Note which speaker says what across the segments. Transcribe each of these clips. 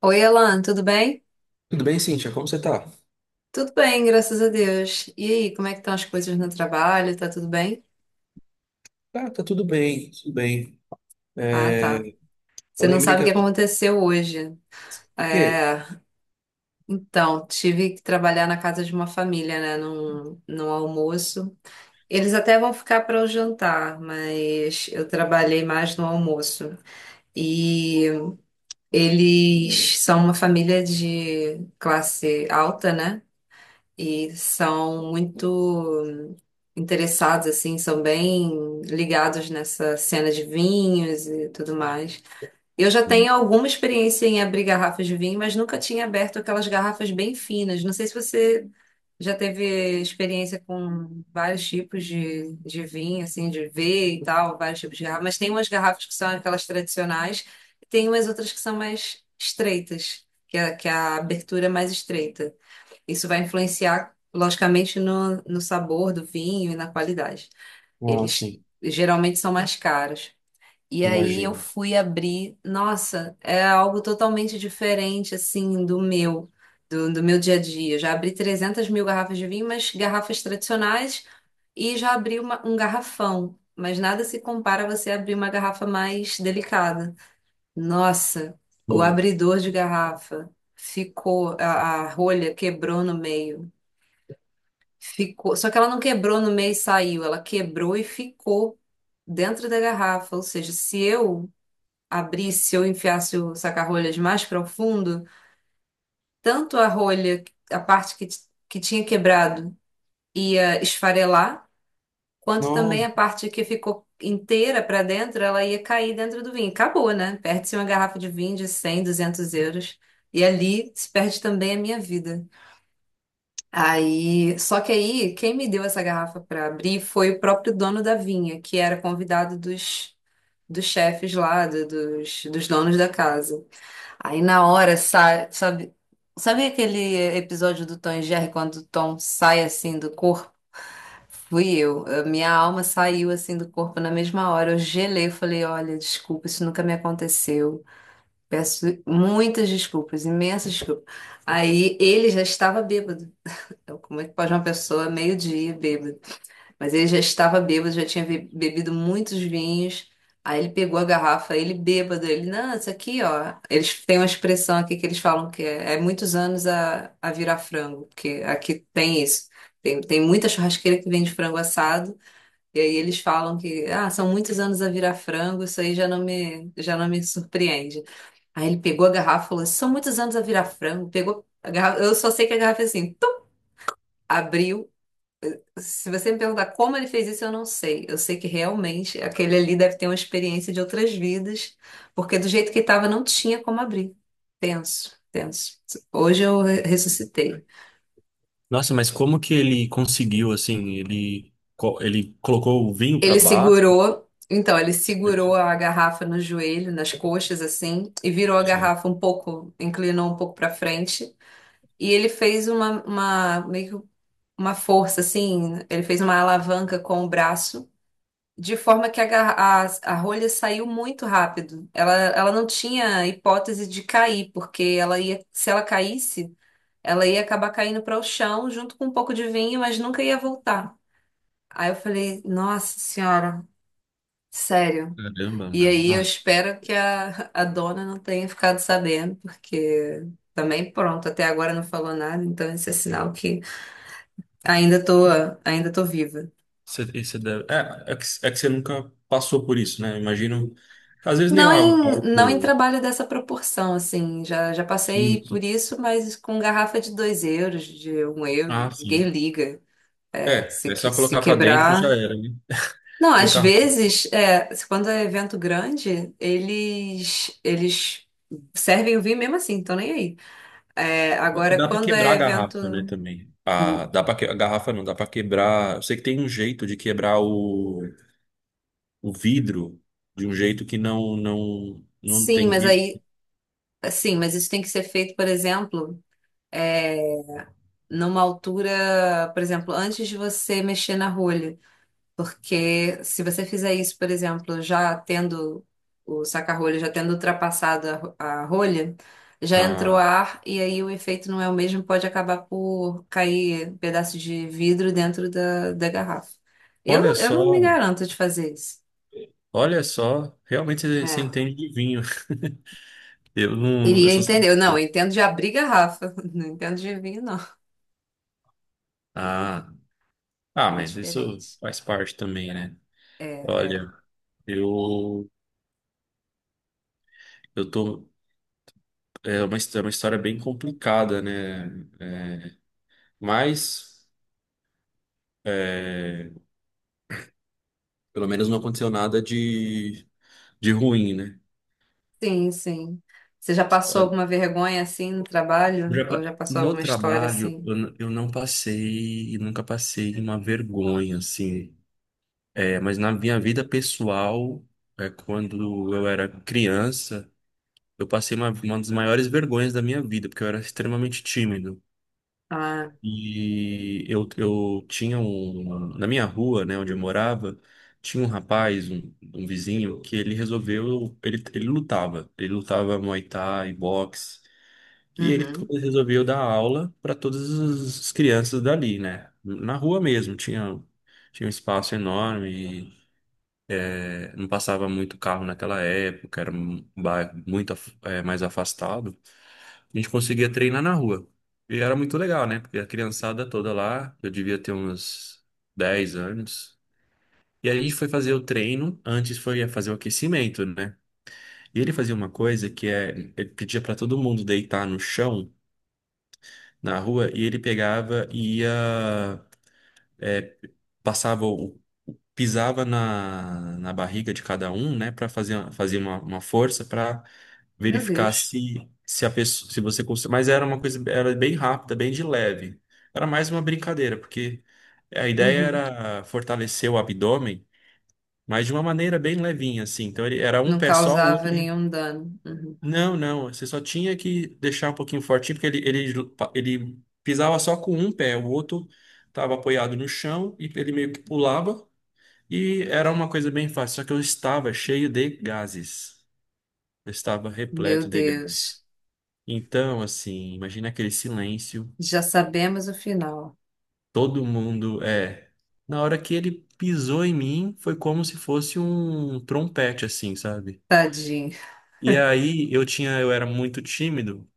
Speaker 1: Oi, Alan, tudo bem?
Speaker 2: Tudo bem, Cíntia? Como você tá?
Speaker 1: Tudo bem, graças a Deus. E aí, como é que estão as coisas no trabalho? Tá tudo bem?
Speaker 2: Ah, tá tudo bem, tudo bem.
Speaker 1: Ah, tá.
Speaker 2: É,
Speaker 1: Você
Speaker 2: eu
Speaker 1: não
Speaker 2: lembrei
Speaker 1: sabe
Speaker 2: que...
Speaker 1: o que aconteceu hoje.
Speaker 2: O quê?
Speaker 1: É, então, tive que trabalhar na casa de uma família, né, num almoço. Eles até vão ficar para o jantar, mas eu trabalhei mais no almoço. E eles são uma família de classe alta, né? E são muito interessados, assim, são bem ligados nessa cena de vinhos e tudo mais. Eu já
Speaker 2: Hum.
Speaker 1: tenho alguma experiência em abrir garrafas de vinho, mas nunca tinha aberto aquelas garrafas bem finas. Não sei se você já teve experiência com vários tipos de vinho, assim, de ver e tal, vários tipos de garrafas, mas tem umas garrafas que são aquelas tradicionais e tem umas outras que são mais estreitas, que é a abertura é mais estreita. Isso vai influenciar, logicamente, no sabor do vinho e na qualidade.
Speaker 2: Ah,
Speaker 1: Eles
Speaker 2: sim,
Speaker 1: geralmente são mais caros. E aí eu
Speaker 2: imagino.
Speaker 1: fui abrir, nossa, é algo totalmente diferente, assim, do meu dia a dia. Já abri 300 mil garrafas de vinho, mas garrafas tradicionais, e já abri um garrafão. Mas nada se compara a você abrir uma garrafa mais delicada. Nossa, o
Speaker 2: Hum.
Speaker 1: abridor de garrafa ficou, a rolha quebrou no meio. Ficou, só que ela não quebrou no meio e saiu, ela quebrou e ficou dentro da garrafa. Ou seja, se eu abrisse, se eu enfiasse o saca-rolhas mais profundo, tanto a rolha, a parte que tinha quebrado, ia esfarelar, quanto
Speaker 2: Não.
Speaker 1: também a parte que ficou inteira para dentro, ela ia cair dentro do vinho. Acabou, né? Perde-se uma garrafa de vinho de 100, 200 euros. E ali se perde também a minha vida. Aí, só que aí, quem me deu essa garrafa para abrir foi o próprio dono da vinha, que era convidado dos, dos chefes lá, dos donos da casa. Aí, na hora, sai, sabe, sabe aquele episódio do Tom e Jerry, quando o Tom sai assim do corpo? Fui eu. A minha alma saiu assim do corpo na mesma hora. Eu gelei, eu falei: olha, desculpa, isso nunca me aconteceu. Peço muitas desculpas, imensas desculpas. Aí ele já estava bêbado. Então, como é que pode uma pessoa meio-dia bêbada? Mas ele já estava bêbado, já tinha bebido muitos vinhos. Aí ele pegou a garrafa, ele bêbado, ele, não, isso aqui, ó. Eles têm uma expressão aqui que eles falam que é muitos anos a virar frango, porque aqui tem isso. Tem muita churrasqueira que vende frango assado, e aí eles falam que, ah, são muitos anos a virar frango, isso aí já não me surpreende. Aí ele pegou a garrafa e falou, são muitos anos a virar frango, pegou a garrafa, eu só sei que a garrafa é assim, tum, abriu, se você me perguntar como ele fez isso, eu não sei. Eu sei que realmente aquele ali deve ter uma experiência de outras vidas, porque do jeito que estava não tinha como abrir. Tenso, tenso. Hoje eu ressuscitei.
Speaker 2: Nossa, mas como que ele conseguiu, assim, ele colocou o vinho para
Speaker 1: Ele
Speaker 2: baixo?
Speaker 1: segurou, então, ele segurou a garrafa no joelho, nas coxas, assim, e virou a garrafa um pouco, inclinou um pouco para frente, e ele fez meio que uma força, assim, ele fez uma alavanca com o braço. De forma que a rolha saiu muito rápido. Ela não tinha hipótese de cair, porque ela ia, se ela caísse, ela ia acabar caindo para o chão junto com um pouco de vinho, mas nunca ia voltar. Aí eu falei, nossa senhora, sério.
Speaker 2: Caramba,
Speaker 1: E
Speaker 2: meu.
Speaker 1: aí eu
Speaker 2: Nossa,
Speaker 1: espero que a dona não tenha ficado sabendo, porque também pronto, até agora não falou nada, então esse é sinal que ainda tô, ainda tô viva.
Speaker 2: você deve... É que você nunca passou por isso, né? Imagino, às vezes nem
Speaker 1: Não em,
Speaker 2: algo
Speaker 1: não em trabalho dessa proporção, assim. Já passei
Speaker 2: químico.
Speaker 1: por isso, mas com garrafa de 2 euros, de 1 euro,
Speaker 2: Ah,
Speaker 1: ninguém
Speaker 2: sim.
Speaker 1: liga. É,
Speaker 2: É,
Speaker 1: Se,
Speaker 2: é
Speaker 1: que-
Speaker 2: só
Speaker 1: se
Speaker 2: colocar para dentro e já
Speaker 1: quebrar.
Speaker 2: era, né?
Speaker 1: Não, às
Speaker 2: Colocar
Speaker 1: vezes, é, quando é evento grande, eles servem o vinho mesmo assim, então nem aí. É,
Speaker 2: dá
Speaker 1: agora,
Speaker 2: pra
Speaker 1: quando
Speaker 2: quebrar
Speaker 1: é
Speaker 2: a
Speaker 1: evento.
Speaker 2: garrafa, né, também. Ah, dá para que... a garrafa não, dá pra quebrar. Eu sei que tem um jeito de quebrar o vidro de um jeito que não
Speaker 1: Sim,
Speaker 2: tem
Speaker 1: mas
Speaker 2: risco.
Speaker 1: aí. Sim, mas isso tem que ser feito, por exemplo, é, numa altura, por exemplo, antes de você mexer na rolha. Porque se você fizer isso, por exemplo, já tendo o saca-rolho, já tendo ultrapassado a rolha, já entrou
Speaker 2: Ah,
Speaker 1: ar e aí o efeito não é o mesmo, pode acabar por cair pedaço de vidro dentro da garrafa.
Speaker 2: olha
Speaker 1: Eu não me
Speaker 2: só,
Speaker 1: garanto de fazer isso.
Speaker 2: olha só, realmente você
Speaker 1: É.
Speaker 2: entende de vinho. Eu não, eu
Speaker 1: Iria
Speaker 2: só sei.
Speaker 1: entender. Eu Não, eu entendo de abrir garrafa. Não entendo de vinho, não.
Speaker 2: Ah, ah,
Speaker 1: É
Speaker 2: mas isso
Speaker 1: diferente.
Speaker 2: faz parte também, né?
Speaker 1: É, é.
Speaker 2: Olha, eu eu tô, é uma, é uma história bem complicada, né? É, mas é, pelo menos não aconteceu nada de, de ruim, né?
Speaker 1: Sim, sim. Você já passou
Speaker 2: Olha,
Speaker 1: alguma vergonha assim no trabalho? Ou já passou
Speaker 2: no
Speaker 1: alguma história
Speaker 2: trabalho,
Speaker 1: assim?
Speaker 2: eu não passei, e nunca passei uma vergonha, assim. É, mas na minha vida pessoal, é, quando eu era criança, eu passei uma das maiores vergonhas da minha vida, porque eu era extremamente tímido.
Speaker 1: Ah.
Speaker 2: E eu tinha um. Na minha rua, né, onde eu morava, tinha um rapaz, um vizinho, que ele resolveu. Ele lutava. Ele lutava Muay Thai, boxe. E ele
Speaker 1: Uhum.
Speaker 2: resolveu dar aula para todas as crianças dali, né? Na rua mesmo. Tinha um espaço enorme. Não passava muito carro naquela época, era um bairro muito mais afastado. A gente conseguia treinar na rua. E era muito legal, né? Porque a criançada toda lá, eu devia ter uns 10 anos. E aí a gente foi fazer o treino, antes foi fazer o aquecimento, né? E ele fazia uma coisa que é, ele pedia para todo mundo deitar no chão, na rua, e ele pegava e ia passava o- pisava na barriga de cada um, né, para fazer uma força para
Speaker 1: Meu
Speaker 2: verificar
Speaker 1: Deus.
Speaker 2: se a pessoa, se você conseguia, mas era uma coisa era bem rápida, bem de leve. Era mais uma brincadeira, porque a ideia
Speaker 1: Uhum.
Speaker 2: era fortalecer o abdômen, mas de uma maneira bem levinha assim. Então ele era um
Speaker 1: Não
Speaker 2: pé só, o
Speaker 1: causava
Speaker 2: outro.
Speaker 1: nenhum dano. Uhum.
Speaker 2: Não, não, você só tinha que deixar um pouquinho fortinho, porque ele pisava só com um pé, o outro estava apoiado no chão e ele meio que pulava e era uma coisa bem fácil, só que eu estava cheio de gases. Eu estava repleto
Speaker 1: Meu
Speaker 2: de gases.
Speaker 1: Deus.
Speaker 2: Então, assim, imagina aquele silêncio,
Speaker 1: Já sabemos o final.
Speaker 2: todo mundo é. Na hora que ele pisou em mim, foi como se fosse um trompete, assim, sabe?
Speaker 1: Tadinho.
Speaker 2: E aí eu tinha, eu era muito tímido.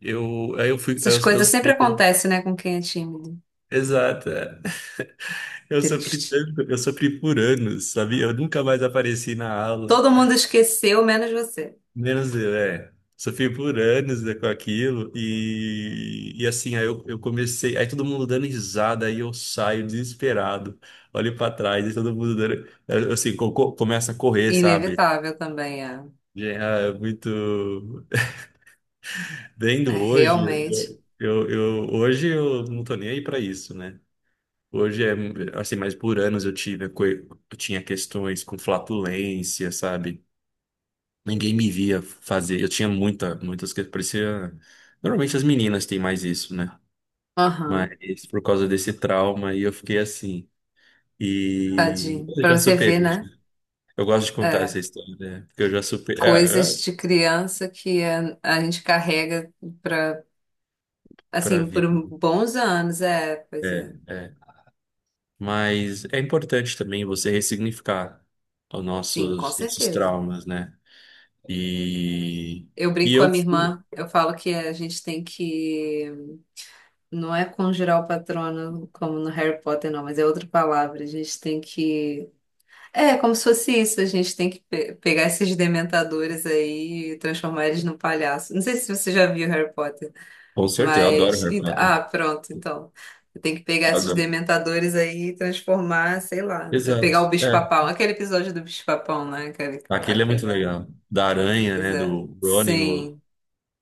Speaker 2: Eu fui,
Speaker 1: Essas
Speaker 2: eu
Speaker 1: coisas sempre
Speaker 2: saí.
Speaker 1: acontecem, né, com quem é tímido.
Speaker 2: Exato. É. Eu sofri
Speaker 1: Triste.
Speaker 2: tanto, eu sofri por anos, sabia? Eu nunca mais apareci na aula.
Speaker 1: Todo mundo esqueceu, menos você.
Speaker 2: Menos eu, é. Sofri por anos, né, com aquilo e assim, eu comecei, aí todo mundo dando risada, aí eu saio desesperado, olho pra trás e todo mundo dando, eu, assim, começa a correr, sabe?
Speaker 1: Inevitável também, é.
Speaker 2: Já é muito,
Speaker 1: É
Speaker 2: vendo hoje,
Speaker 1: realmente.
Speaker 2: hoje eu não tô nem aí pra isso, né? Hoje é, assim, mas por anos eu tive, eu tinha questões com flatulência, sabe? Ninguém me via fazer. Eu tinha muitas que parecia. Normalmente as meninas têm mais isso, né?
Speaker 1: Aham.
Speaker 2: Mas por causa desse trauma aí eu fiquei assim. E
Speaker 1: Tadinho.
Speaker 2: eu
Speaker 1: Pra
Speaker 2: já
Speaker 1: você ver,
Speaker 2: superei,
Speaker 1: né?
Speaker 2: né? Eu gosto de contar essa
Speaker 1: É.
Speaker 2: história, né? Porque eu já superei.
Speaker 1: Coisas de criança que a gente carrega pra,
Speaker 2: Pra
Speaker 1: assim, por
Speaker 2: vir.
Speaker 1: bons anos. É, pois
Speaker 2: É,
Speaker 1: é.
Speaker 2: é. Mas é importante também você ressignificar
Speaker 1: Sim, com
Speaker 2: nossos
Speaker 1: certeza.
Speaker 2: traumas, né? E,
Speaker 1: Eu
Speaker 2: e
Speaker 1: brinco com a
Speaker 2: eu
Speaker 1: minha
Speaker 2: fui.
Speaker 1: irmã, eu falo que a gente tem que. Não é conjurar o patrono como no Harry Potter, não, mas é outra palavra. A gente tem que. É, como se fosse isso, a gente tem que pegar esses dementadores aí e transformar eles num palhaço. Não sei se você já viu Harry Potter,
Speaker 2: Com certeza, eu adoro Harry
Speaker 1: Ah,
Speaker 2: Potter.
Speaker 1: pronto, então. Tem que pegar esses
Speaker 2: Adoro.
Speaker 1: dementadores aí e transformar, sei lá.
Speaker 2: Exato.
Speaker 1: Pegar o
Speaker 2: É.
Speaker 1: bicho-papão. Aquele episódio do bicho-papão, né? Aquele.
Speaker 2: Aquele é muito
Speaker 1: aquele...
Speaker 2: legal. Da aranha,
Speaker 1: Pois
Speaker 2: né?
Speaker 1: é.
Speaker 2: Do Ronnie no,
Speaker 1: Sim.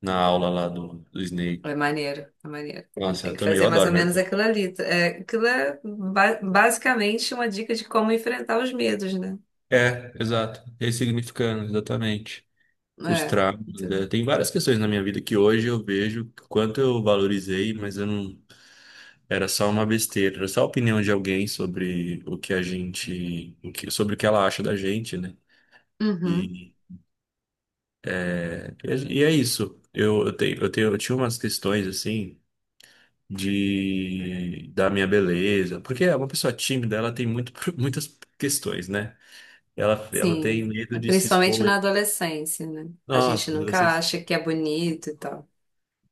Speaker 2: na aula lá do
Speaker 1: É
Speaker 2: Snake.
Speaker 1: maneiro, é maneiro.
Speaker 2: Nossa,
Speaker 1: Tem que
Speaker 2: eu
Speaker 1: fazer mais ou
Speaker 2: adoro Harry
Speaker 1: menos
Speaker 2: Potter.
Speaker 1: aquilo ali. É, aquilo é basicamente uma dica de como enfrentar os medos, né?
Speaker 2: É, exato. Ressignificando, exatamente. Os
Speaker 1: É.
Speaker 2: traumas, né?
Speaker 1: Então,
Speaker 2: Tem várias questões na minha vida que hoje eu vejo o quanto eu valorizei, mas eu não. Era só uma besteira, era só a opinião de alguém sobre o que a gente, sobre o que ela acha da gente, né?
Speaker 1: uhum,
Speaker 2: E, e é isso. Eu tinha umas questões assim. De da minha beleza, porque é uma pessoa tímida, ela tem muito, muitas questões, né? Ela tem
Speaker 1: sim.
Speaker 2: medo de se
Speaker 1: Principalmente
Speaker 2: expor.
Speaker 1: na
Speaker 2: E-
Speaker 1: adolescência, né? A
Speaker 2: Nossa,
Speaker 1: gente
Speaker 2: quando
Speaker 1: nunca
Speaker 2: vocês.
Speaker 1: acha que é bonito e tal. O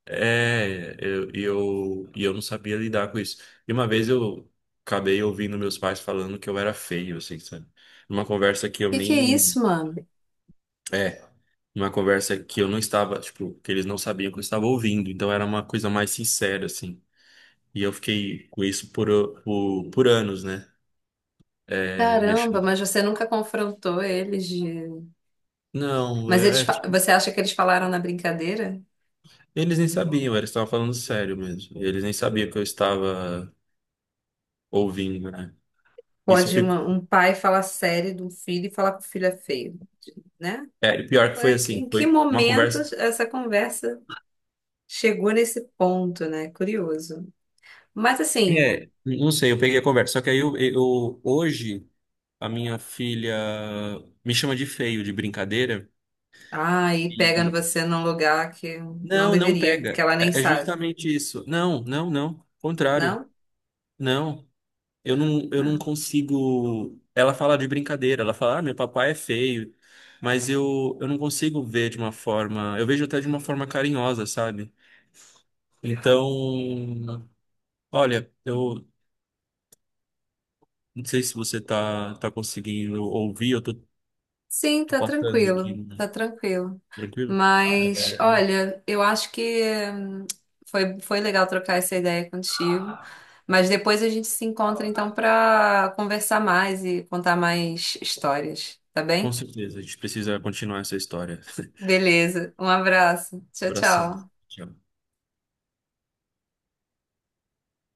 Speaker 2: É, eu não sabia lidar com isso. E uma vez eu acabei ouvindo meus pais falando que eu era feio, assim, sabe? Numa conversa que eu
Speaker 1: que que é
Speaker 2: nem.
Speaker 1: isso, mano?
Speaker 2: É, numa conversa que eu não estava, tipo, que eles não sabiam que eu estava ouvindo. Então era uma coisa mais sincera, assim. E eu fiquei com isso por anos, né? É, me
Speaker 1: Caramba,
Speaker 2: achando.
Speaker 1: mas você nunca confrontou eles de...
Speaker 2: Não,
Speaker 1: Mas eles,
Speaker 2: é,
Speaker 1: fa-
Speaker 2: que
Speaker 1: você acha que eles falaram na brincadeira?
Speaker 2: eles nem sabiam, eles estavam falando sério mesmo. Eles nem sabiam que eu estava ouvindo, né? Isso
Speaker 1: Pode
Speaker 2: ficou.
Speaker 1: um pai falar sério de um filho e falar que o filho é feio, né?
Speaker 2: É, e pior que foi
Speaker 1: Em
Speaker 2: assim,
Speaker 1: que
Speaker 2: foi uma
Speaker 1: momento
Speaker 2: conversa.
Speaker 1: essa conversa chegou nesse ponto, né? Curioso. Mas assim,
Speaker 2: É, não sei, eu peguei a conversa. Só que hoje a minha filha me chama de feio, de brincadeira.
Speaker 1: ai, pega
Speaker 2: E
Speaker 1: você num lugar que não
Speaker 2: não, não
Speaker 1: deveria, que
Speaker 2: pega.
Speaker 1: ela nem
Speaker 2: É, é
Speaker 1: sabe,
Speaker 2: justamente isso. Não, não, não. Contrário.
Speaker 1: não?
Speaker 2: Não. Eu não
Speaker 1: Ah.
Speaker 2: consigo. Ela fala de brincadeira, ela fala, ah, meu papai é feio, mas eu não consigo ver de uma forma. Eu vejo até de uma forma carinhosa, sabe? Então, olha, eu não sei se você tá conseguindo ouvir,
Speaker 1: Sim,
Speaker 2: tô
Speaker 1: tá
Speaker 2: passando aqui,
Speaker 1: tranquilo, tá
Speaker 2: né?
Speaker 1: tranquilo.
Speaker 2: Tranquilo?
Speaker 1: Mas, olha, eu acho que hum, foi legal trocar essa ideia contigo. Mas depois a gente se encontra então pra conversar mais e contar mais histórias, tá
Speaker 2: Com
Speaker 1: bem?
Speaker 2: certeza, a gente precisa continuar essa história.
Speaker 1: Beleza, um abraço. Tchau,
Speaker 2: Abração.
Speaker 1: tchau.
Speaker 2: Tchau.